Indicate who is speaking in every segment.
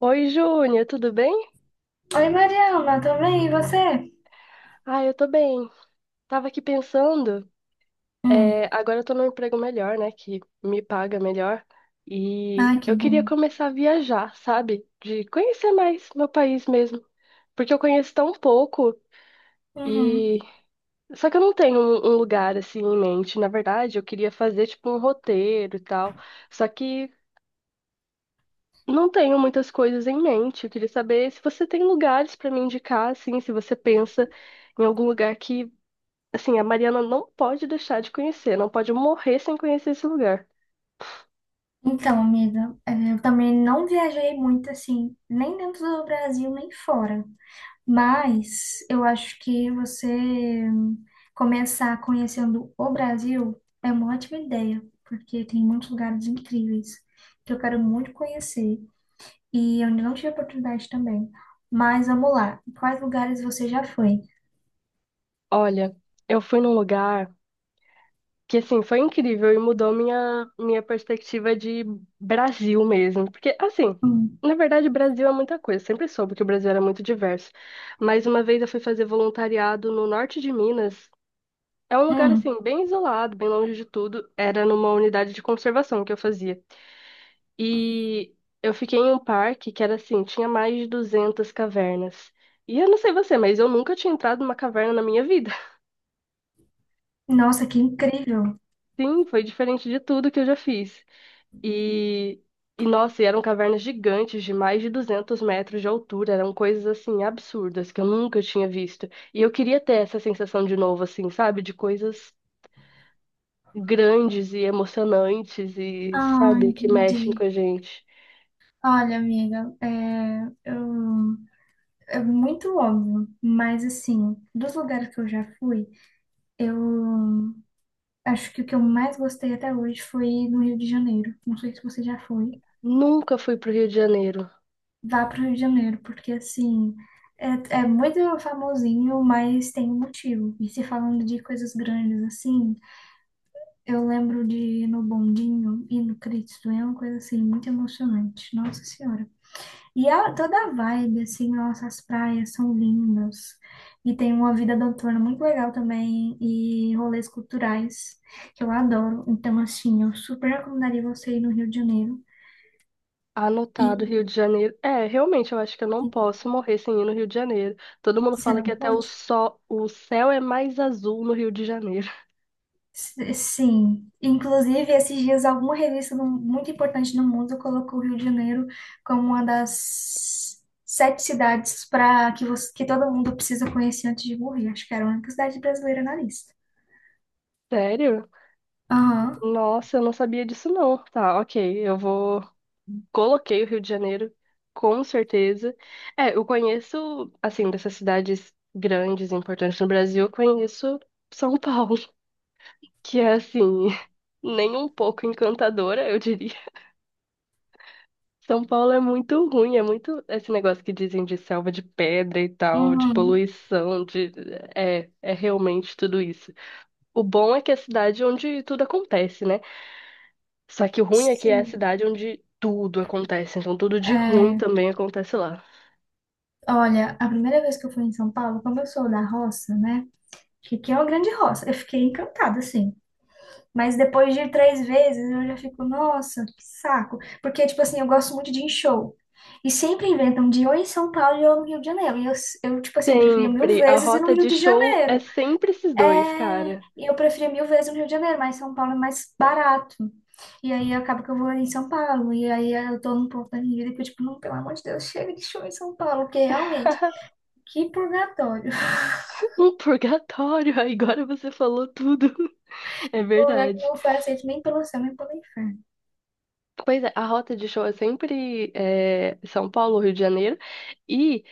Speaker 1: Oi, Júnior, tudo bem?
Speaker 2: Oi, Mariana, tudo bem? E você?
Speaker 1: Ah, eu tô bem. Tava aqui pensando,
Speaker 2: Hum.
Speaker 1: agora eu tô num emprego melhor, né, que me paga melhor, e
Speaker 2: Ai, que
Speaker 1: eu
Speaker 2: bom.
Speaker 1: queria começar a viajar, sabe? De conhecer mais meu país mesmo, porque eu conheço tão pouco
Speaker 2: Uhum.
Speaker 1: e só que eu não tenho um lugar assim em mente. Na verdade, eu queria fazer tipo um roteiro e tal, só que não tenho muitas coisas em mente. Eu queria saber se você tem lugares pra me indicar, assim, se você pensa em algum lugar que Assim, a Mariana não pode deixar de conhecer, não pode morrer sem conhecer esse lugar.
Speaker 2: Então, amiga, eu também não viajei muito assim, nem dentro do Brasil, nem fora. Mas eu acho que você hum, começar conhecendo o Brasil é uma ótima ideia, porque tem muitos lugares incríveis que eu quero muito conhecer e eu ainda não tive oportunidade também. Mas vamos lá, quais lugares você já foi?
Speaker 1: Olha, eu fui num lugar que, assim, foi incrível e mudou minha perspectiva de Brasil mesmo. Porque, assim,
Speaker 2: Hum.
Speaker 1: na verdade, Brasil é muita coisa. Sempre soube que o Brasil era muito diverso. Mas uma vez eu fui fazer voluntariado no norte de Minas. É um lugar,
Speaker 2: Hum.
Speaker 1: assim, bem isolado, bem longe de tudo. Era numa unidade de conservação que eu fazia. E eu fiquei em um parque que era assim, tinha mais de 200 cavernas. E eu não sei você, mas eu nunca tinha entrado numa caverna na minha vida.
Speaker 2: Nossa, que incrível!
Speaker 1: Sim, foi diferente de tudo que eu já fiz. E, e nossa, e eram cavernas gigantes de mais de 200 metros de altura. Eram coisas assim absurdas que eu nunca tinha visto. E eu queria ter essa sensação de novo, assim, sabe? De coisas grandes e emocionantes e,
Speaker 2: Ah,
Speaker 1: sabe, que mexem com
Speaker 2: entendi.
Speaker 1: a gente.
Speaker 2: Olha, amiga, é muito óbvio, mas assim, dos lugares que eu já fui, eu acho que o que eu mais gostei até hoje foi no Rio de Janeiro. Não sei se você já foi.
Speaker 1: Nunca fui pro Rio de Janeiro.
Speaker 2: Vá para o Rio de Janeiro, porque assim, é, é muito famosinho, mas tem um motivo. E se falando de coisas grandes assim, eu lembro de ir no Bondinho e no Cristo, é uma coisa assim, muito emocionante. Nossa Senhora. E ela, toda a vibe, assim, nossa, as praias são lindas. E tem uma vida noturna muito legal também. E rolês culturais, que eu adoro. Então, assim, eu super recomendaria você ir no Rio de Janeiro. E
Speaker 1: Anotado, Rio de Janeiro. É, realmente, eu acho que eu não posso morrer sem ir no Rio de Janeiro. Todo mundo
Speaker 2: você
Speaker 1: fala que
Speaker 2: não
Speaker 1: até o
Speaker 2: pode?
Speaker 1: sol, o céu é mais azul no Rio de Janeiro.
Speaker 2: Sim. Inclusive, esses dias, alguma revista muito importante no mundo colocou o Rio de Janeiro como uma das sete cidades para que todo mundo precisa conhecer antes de morrer. Acho que era a única cidade brasileira na lista.
Speaker 1: Sério?
Speaker 2: Aham.
Speaker 1: Nossa, eu não sabia disso não. Tá, ok, eu vou. Coloquei o Rio de Janeiro, com certeza. É, eu conheço, assim, dessas cidades grandes, importantes no Brasil, eu conheço São Paulo, que é, assim, nem um pouco encantadora, eu diria. São Paulo é muito ruim, é muito esse negócio que dizem de selva de pedra e tal, de
Speaker 2: Uhum.
Speaker 1: poluição, é realmente tudo isso. O bom é que é a cidade onde tudo acontece, né? Só que o ruim é que é a
Speaker 2: Sim.
Speaker 1: cidade onde tudo acontece, então tudo de ruim
Speaker 2: É,
Speaker 1: também acontece lá.
Speaker 2: olha, a primeira vez que eu fui em São Paulo, como eu sou da roça, né? Que aqui é uma grande roça. Eu fiquei encantada, assim. Mas depois de ir três vezes, eu já fico, nossa, que saco. Porque, tipo assim, eu gosto muito de ir em show. E sempre inventam de ou em São Paulo ou no Rio de Janeiro. E eu tipo assim, preferia mil
Speaker 1: Sempre, a
Speaker 2: vezes ir no
Speaker 1: rota
Speaker 2: Rio
Speaker 1: de
Speaker 2: de
Speaker 1: show é
Speaker 2: Janeiro.
Speaker 1: sempre esses dois,
Speaker 2: É,
Speaker 1: cara.
Speaker 2: e eu prefiro mil vezes o Rio de Janeiro, mas São Paulo é mais barato. E aí acaba que eu vou em São Paulo. E aí eu tô num ponto da minha vida que eu, tipo, não, pelo amor de Deus, chega de show em São Paulo, porque realmente, que purgatório.
Speaker 1: Um purgatório, agora você falou tudo. É
Speaker 2: Um lugar que
Speaker 1: verdade.
Speaker 2: não foi aceito nem pelo céu, nem pelo inferno.
Speaker 1: Pois é, a rota de show é sempre São Paulo, Rio de Janeiro. e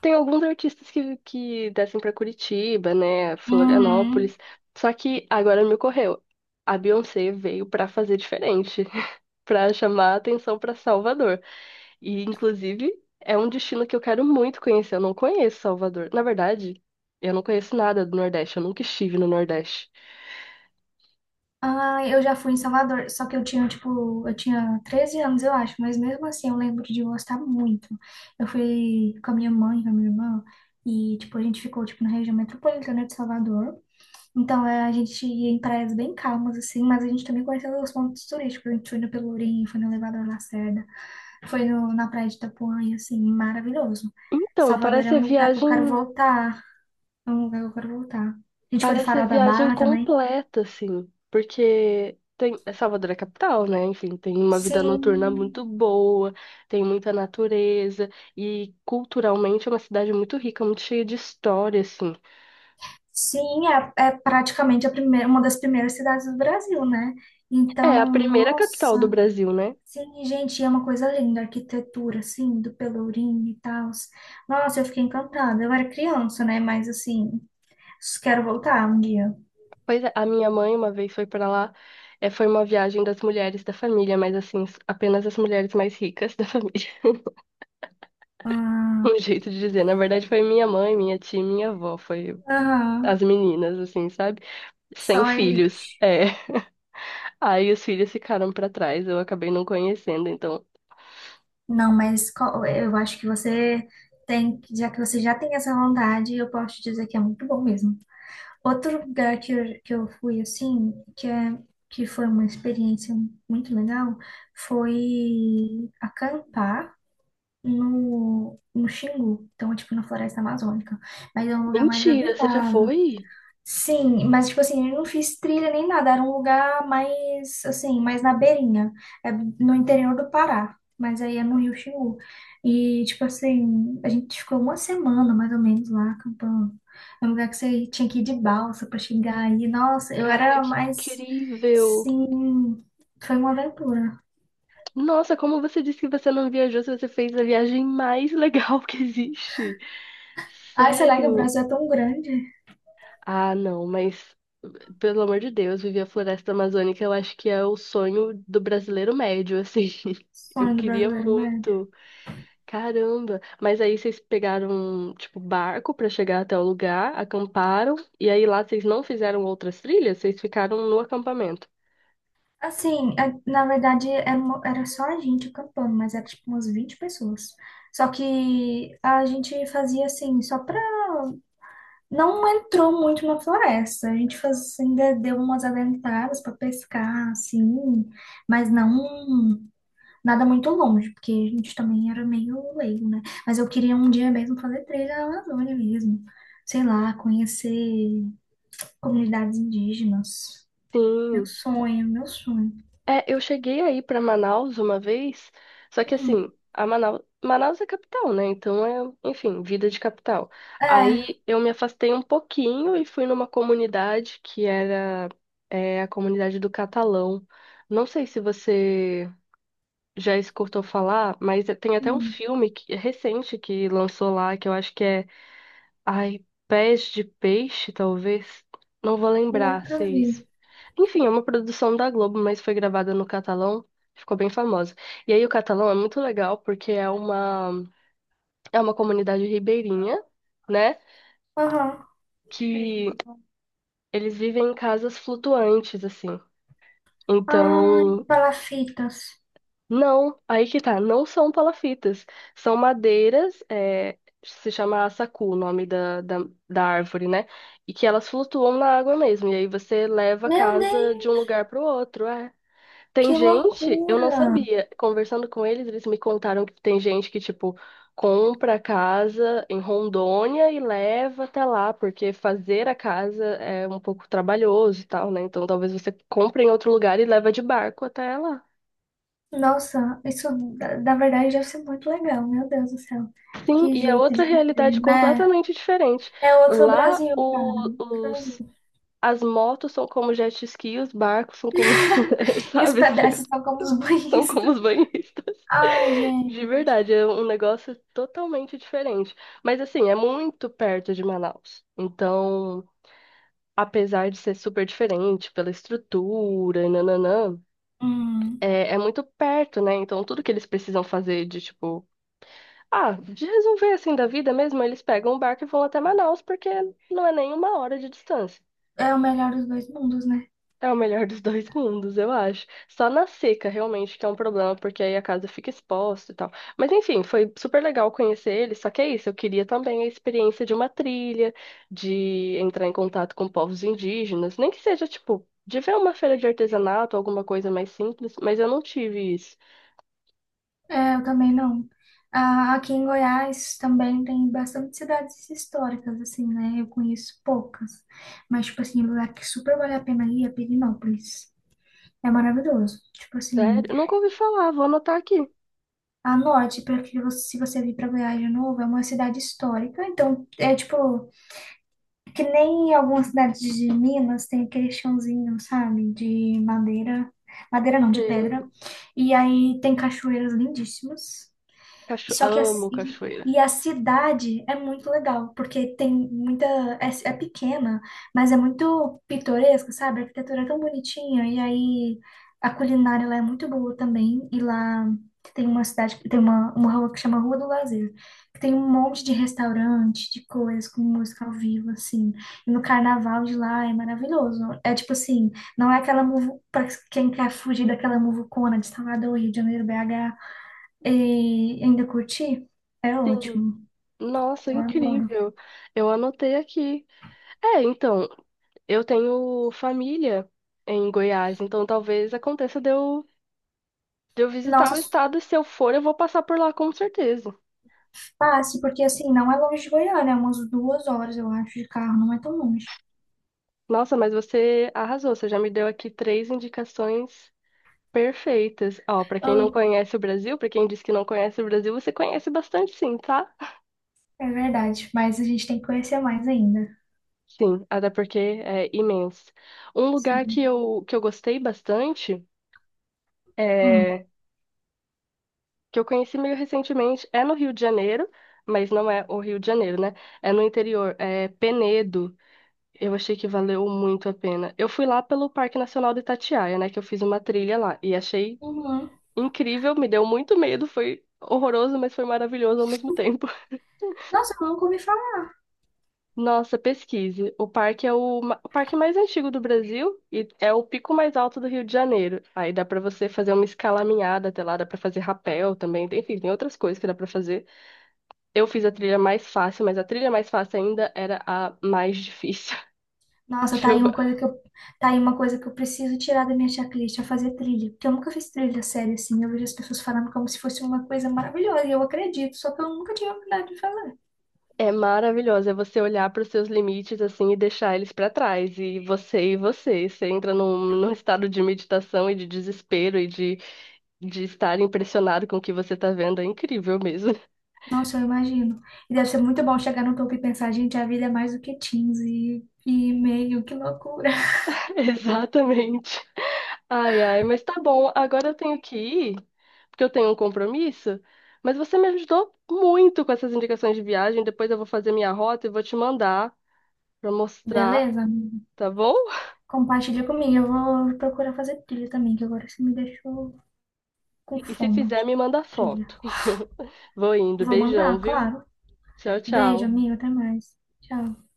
Speaker 1: Tem alguns artistas que descem pra Curitiba, né?
Speaker 2: Uhum.
Speaker 1: Florianópolis. Só que agora me ocorreu. A Beyoncé veio pra fazer diferente, pra chamar a atenção pra Salvador. E, inclusive, é um destino que eu quero muito conhecer. Eu não conheço Salvador. Na verdade, eu não conheço nada do Nordeste. Eu nunca estive no Nordeste.
Speaker 2: Ah, eu já fui em Salvador, só que eu tinha, tipo, eu tinha 13 anos, eu acho, mas mesmo assim eu lembro de gostar muito. Eu fui com a minha mãe, com a minha irmã, e, tipo, a gente ficou, tipo, na região metropolitana de Salvador. Então, é, a gente ia em praias bem calmas, assim, mas a gente também conheceu os pontos turísticos. A gente foi no Pelourinho, foi no Elevador Lacerda, foi no, na Praia de Itapuã, e, assim, maravilhoso.
Speaker 1: Então,
Speaker 2: Salvador é
Speaker 1: parece a
Speaker 2: um lugar que eu quero
Speaker 1: viagem.
Speaker 2: voltar. É um lugar que eu quero voltar. A gente foi no
Speaker 1: Parece a
Speaker 2: Farol da
Speaker 1: viagem
Speaker 2: Barra também.
Speaker 1: completa, assim, porque tem é Salvador é capital, né? Enfim, tem uma vida
Speaker 2: Sim,
Speaker 1: noturna muito boa, tem muita natureza e culturalmente é uma cidade muito rica, muito cheia de história, assim.
Speaker 2: sim, é praticamente a primeira, uma das primeiras cidades do Brasil, né?
Speaker 1: É a
Speaker 2: Então,
Speaker 1: primeira
Speaker 2: Nossa.
Speaker 1: capital do Brasil, né?
Speaker 2: Sim, gente, é uma coisa linda, a arquitetura, assim, do Pelourinho e tal. Nossa, eu fiquei encantada. Eu era criança, né? Mas, assim, quero voltar um dia.
Speaker 1: Pois é, a minha mãe uma vez foi pra lá, foi uma viagem das mulheres da família, mas assim, apenas as mulheres mais ricas da família.
Speaker 2: Ah,
Speaker 1: Um jeito de dizer, na verdade foi minha mãe, minha tia, e minha avó, foi
Speaker 2: aham.
Speaker 1: as meninas, assim, sabe? Sem
Speaker 2: Só
Speaker 1: filhos.
Speaker 2: elite.
Speaker 1: É. Aí os filhos ficaram pra trás, eu acabei não conhecendo, então.
Speaker 2: Não, mas eu acho que você já que você já tem essa vontade, eu posso te dizer que é muito bom mesmo. Outro lugar que eu fui, assim, que foi uma experiência muito legal, foi acampar no Xingu, então, tipo, na Floresta Amazônica. Mas é um lugar mais
Speaker 1: Mentira, você já
Speaker 2: habitado.
Speaker 1: foi?
Speaker 2: Sim, mas, tipo assim, eu não fiz trilha nem nada, era um lugar mais, assim, mais na beirinha, é no interior do Pará, mas aí é no Rio Xingu. E, tipo assim, a gente ficou uma semana, mais ou menos, lá acampando. É um lugar que você tinha que ir de balsa pra chegar e, nossa, eu
Speaker 1: Cara,
Speaker 2: era
Speaker 1: que
Speaker 2: mais,
Speaker 1: incrível!
Speaker 2: sim, foi uma aventura.
Speaker 1: Nossa, como você disse que você não viajou, se você fez a viagem mais legal que existe.
Speaker 2: Ai, sei lá que o
Speaker 1: Sério?
Speaker 2: Brasil é tão grande.
Speaker 1: Ah, não, mas pelo amor de Deus, viver a floresta amazônica, eu acho que é o sonho do brasileiro médio, assim. Eu
Speaker 2: Sonho do
Speaker 1: queria
Speaker 2: brasileiro, né?
Speaker 1: muito. Caramba! Mas aí vocês pegaram, tipo, barco pra chegar até o lugar, acamparam, e aí lá vocês não fizeram outras trilhas, vocês ficaram no acampamento.
Speaker 2: Assim, na verdade era, era só a gente acampando, mas era tipo umas 20 pessoas. Só que a gente fazia assim, só pra. Não entrou muito na floresta. A gente faz, ainda deu umas adentradas pra pescar, assim, mas não nada muito longe, porque a gente também era meio leigo, né? Mas eu queria um dia mesmo fazer trilha na Amazônia mesmo. Sei lá, conhecer comunidades indígenas. Meu
Speaker 1: Sim.
Speaker 2: sonho, meu sonho.
Speaker 1: É, eu cheguei aí pra Manaus uma vez, só que
Speaker 2: Hum,
Speaker 1: assim, Manaus é capital, né? Então enfim, vida de capital.
Speaker 2: é.
Speaker 1: Aí eu me afastei um pouquinho e fui numa comunidade que era, a comunidade do Catalão. Não sei se você já escutou falar, mas tem até um
Speaker 2: Hum,
Speaker 1: filme é recente que lançou lá, que eu acho que é Ai, Pés de Peixe, talvez. Não vou lembrar
Speaker 2: Nunca
Speaker 1: se é isso.
Speaker 2: vi.
Speaker 1: Enfim, é uma produção da Globo, mas foi gravada no catalão. Ficou bem famosa. E aí o catalão é muito legal porque é uma comunidade ribeirinha, né?
Speaker 2: Aham.
Speaker 1: Que eles vivem em casas flutuantes, assim.
Speaker 2: Ai,
Speaker 1: Então,
Speaker 2: palafitas.
Speaker 1: Não, aí que tá, não são palafitas, são madeiras, se chama assacu, o nome da, árvore, né? E que elas flutuam na água mesmo, e aí você leva a
Speaker 2: Meu
Speaker 1: casa
Speaker 2: Deus,
Speaker 1: de um lugar para o outro. Tem
Speaker 2: que
Speaker 1: gente, eu não
Speaker 2: loucura!
Speaker 1: sabia, conversando com eles me contaram que tem gente que, tipo, compra a casa em Rondônia e leva até lá, porque fazer a casa é um pouco trabalhoso e tal, né? Então talvez você compre em outro lugar e leva de barco até lá.
Speaker 2: Nossa, isso na verdade deve ser muito legal, meu Deus do céu.
Speaker 1: Sim,
Speaker 2: Que
Speaker 1: e é
Speaker 2: jeito
Speaker 1: outra
Speaker 2: de viver,
Speaker 1: realidade
Speaker 2: né?
Speaker 1: completamente diferente.
Speaker 2: É outro
Speaker 1: Lá,
Speaker 2: Brasil, cara. É outro
Speaker 1: os,
Speaker 2: Brasil.
Speaker 1: as motos são como jet ski, os barcos são como,
Speaker 2: E os
Speaker 1: sabe,
Speaker 2: pedestres são como os
Speaker 1: são como
Speaker 2: banhistas.
Speaker 1: os banhistas.
Speaker 2: Ai,
Speaker 1: De
Speaker 2: gente.
Speaker 1: verdade, é um negócio totalmente diferente. Mas, assim, é muito perto de Manaus. Então, apesar de ser super diferente pela estrutura e nananã,
Speaker 2: Hum,
Speaker 1: é muito perto, né? Então, tudo que eles precisam fazer de, tipo, Ah, de resolver assim da vida mesmo, eles pegam o barco e vão até Manaus, porque não é nem uma hora de distância.
Speaker 2: É o melhor dos dois mundos, né?
Speaker 1: É o melhor dos dois mundos, eu acho. Só na seca, realmente, que é um problema, porque aí a casa fica exposta e tal. Mas enfim, foi super legal conhecer eles, só que é isso, eu queria também a experiência de uma trilha, de entrar em contato com povos indígenas, nem que seja, tipo, de ver uma feira de artesanato, alguma coisa mais simples, mas eu não tive isso.
Speaker 2: É, eu também não. Ah, aqui em Goiás também tem bastante cidades históricas, assim, né? Eu conheço poucas. Mas, tipo assim, um lugar que super vale a pena ir é Pirenópolis. É maravilhoso. Tipo assim,
Speaker 1: Sério, nunca ouvi falar, vou anotar aqui.
Speaker 2: anote, porque se você vir pra Goiás de novo, é uma cidade histórica. Então, é tipo, que nem em algumas cidades de Minas tem aquele chãozinho, sabe? De madeira. Madeira não, de
Speaker 1: Sei.
Speaker 2: pedra. E aí tem cachoeiras lindíssimas. Só que a,
Speaker 1: Amo cachoeira.
Speaker 2: e a cidade é muito legal, porque tem muita. É pequena, mas é muito pitoresca, sabe? A arquitetura é tão bonitinha, e aí a culinária lá é muito boa também. E lá tem uma cidade, tem uma rua que chama Rua do Lazer, que tem um monte de restaurante, de coisas, com música ao vivo, assim. E no carnaval de lá é maravilhoso. É tipo assim, não é aquela muvu, para quem quer fugir daquela muvucona de Salvador, Rio de Janeiro, BH. E ainda curti? É
Speaker 1: Sim.
Speaker 2: ótimo.
Speaker 1: Nossa,
Speaker 2: Eu adoro.
Speaker 1: incrível. Eu anotei aqui. É, então, eu tenho família em Goiás, então talvez aconteça de eu visitar o
Speaker 2: Nossa,
Speaker 1: estado e se eu for, eu vou passar por lá com certeza.
Speaker 2: passe, porque assim, não é longe de Goiânia, é umas 2 horas, eu acho, de carro, não é tão longe.
Speaker 1: Nossa, mas você arrasou, você já me deu aqui três indicações perfeitas. Ó, pra quem
Speaker 2: Ah,
Speaker 1: não conhece o Brasil, pra quem diz que não conhece o Brasil, você conhece bastante sim, tá?
Speaker 2: é verdade, mas a gente tem que conhecer mais ainda.
Speaker 1: Sim, até porque é imenso. Um lugar que
Speaker 2: Sim.
Speaker 1: eu, que eu gostei bastante.
Speaker 2: Hum.
Speaker 1: É que eu conheci meio recentemente é no Rio de Janeiro, mas não é o Rio de Janeiro, né? É no interior, é Penedo. Eu achei que valeu muito a pena. Eu fui lá pelo Parque Nacional do Itatiaia, né? Que eu fiz uma trilha lá e achei
Speaker 2: Uhum.
Speaker 1: incrível, me deu muito medo, foi horroroso, mas foi maravilhoso ao mesmo tempo.
Speaker 2: Nossa, eu nunca ouvi falar.
Speaker 1: Nossa, pesquise. O parque é o parque mais antigo do Brasil e é o pico mais alto do Rio de Janeiro. Aí dá pra você fazer uma escalaminhada até lá, dá pra fazer rapel também, enfim, tem outras coisas que dá pra fazer. Eu fiz a trilha mais fácil, mas a trilha mais fácil ainda era a mais difícil.
Speaker 2: Nossa,
Speaker 1: Tipo,
Speaker 2: tá aí uma coisa que eu preciso tirar da minha checklist, é fazer trilha. Porque eu nunca fiz trilha séria assim. Eu vejo as pessoas falando como se fosse uma coisa maravilhosa, e eu acredito, só que eu nunca tive a oportunidade de fazer.
Speaker 1: é maravilhosa. É você olhar para os seus limites assim e deixar eles para trás. E você e você. Você entra num estado de meditação e de desespero e de estar impressionado com o que você tá vendo. É incrível mesmo.
Speaker 2: Nossa, eu imagino. E deve ser muito bom chegar no topo e pensar, gente, a vida é mais do que 15 e meio, que loucura.
Speaker 1: Exatamente. Ai, ai, mas tá bom. Agora eu tenho que ir, porque eu tenho um compromisso. Mas você me ajudou muito com essas indicações de viagem. Depois eu vou fazer minha rota e vou te mandar. Para mostrar,
Speaker 2: Beleza, amiga?
Speaker 1: tá bom?
Speaker 2: Compartilha comigo. Eu vou procurar fazer trilha também, que agora você me deixou com
Speaker 1: E se
Speaker 2: fome
Speaker 1: fizer,
Speaker 2: de
Speaker 1: me manda
Speaker 2: trilha.
Speaker 1: foto. Vou indo.
Speaker 2: Vou
Speaker 1: Beijão,
Speaker 2: mandar,
Speaker 1: viu?
Speaker 2: claro.
Speaker 1: Tchau,
Speaker 2: Beijo,
Speaker 1: tchau.
Speaker 2: amigo. Até mais. Tchau.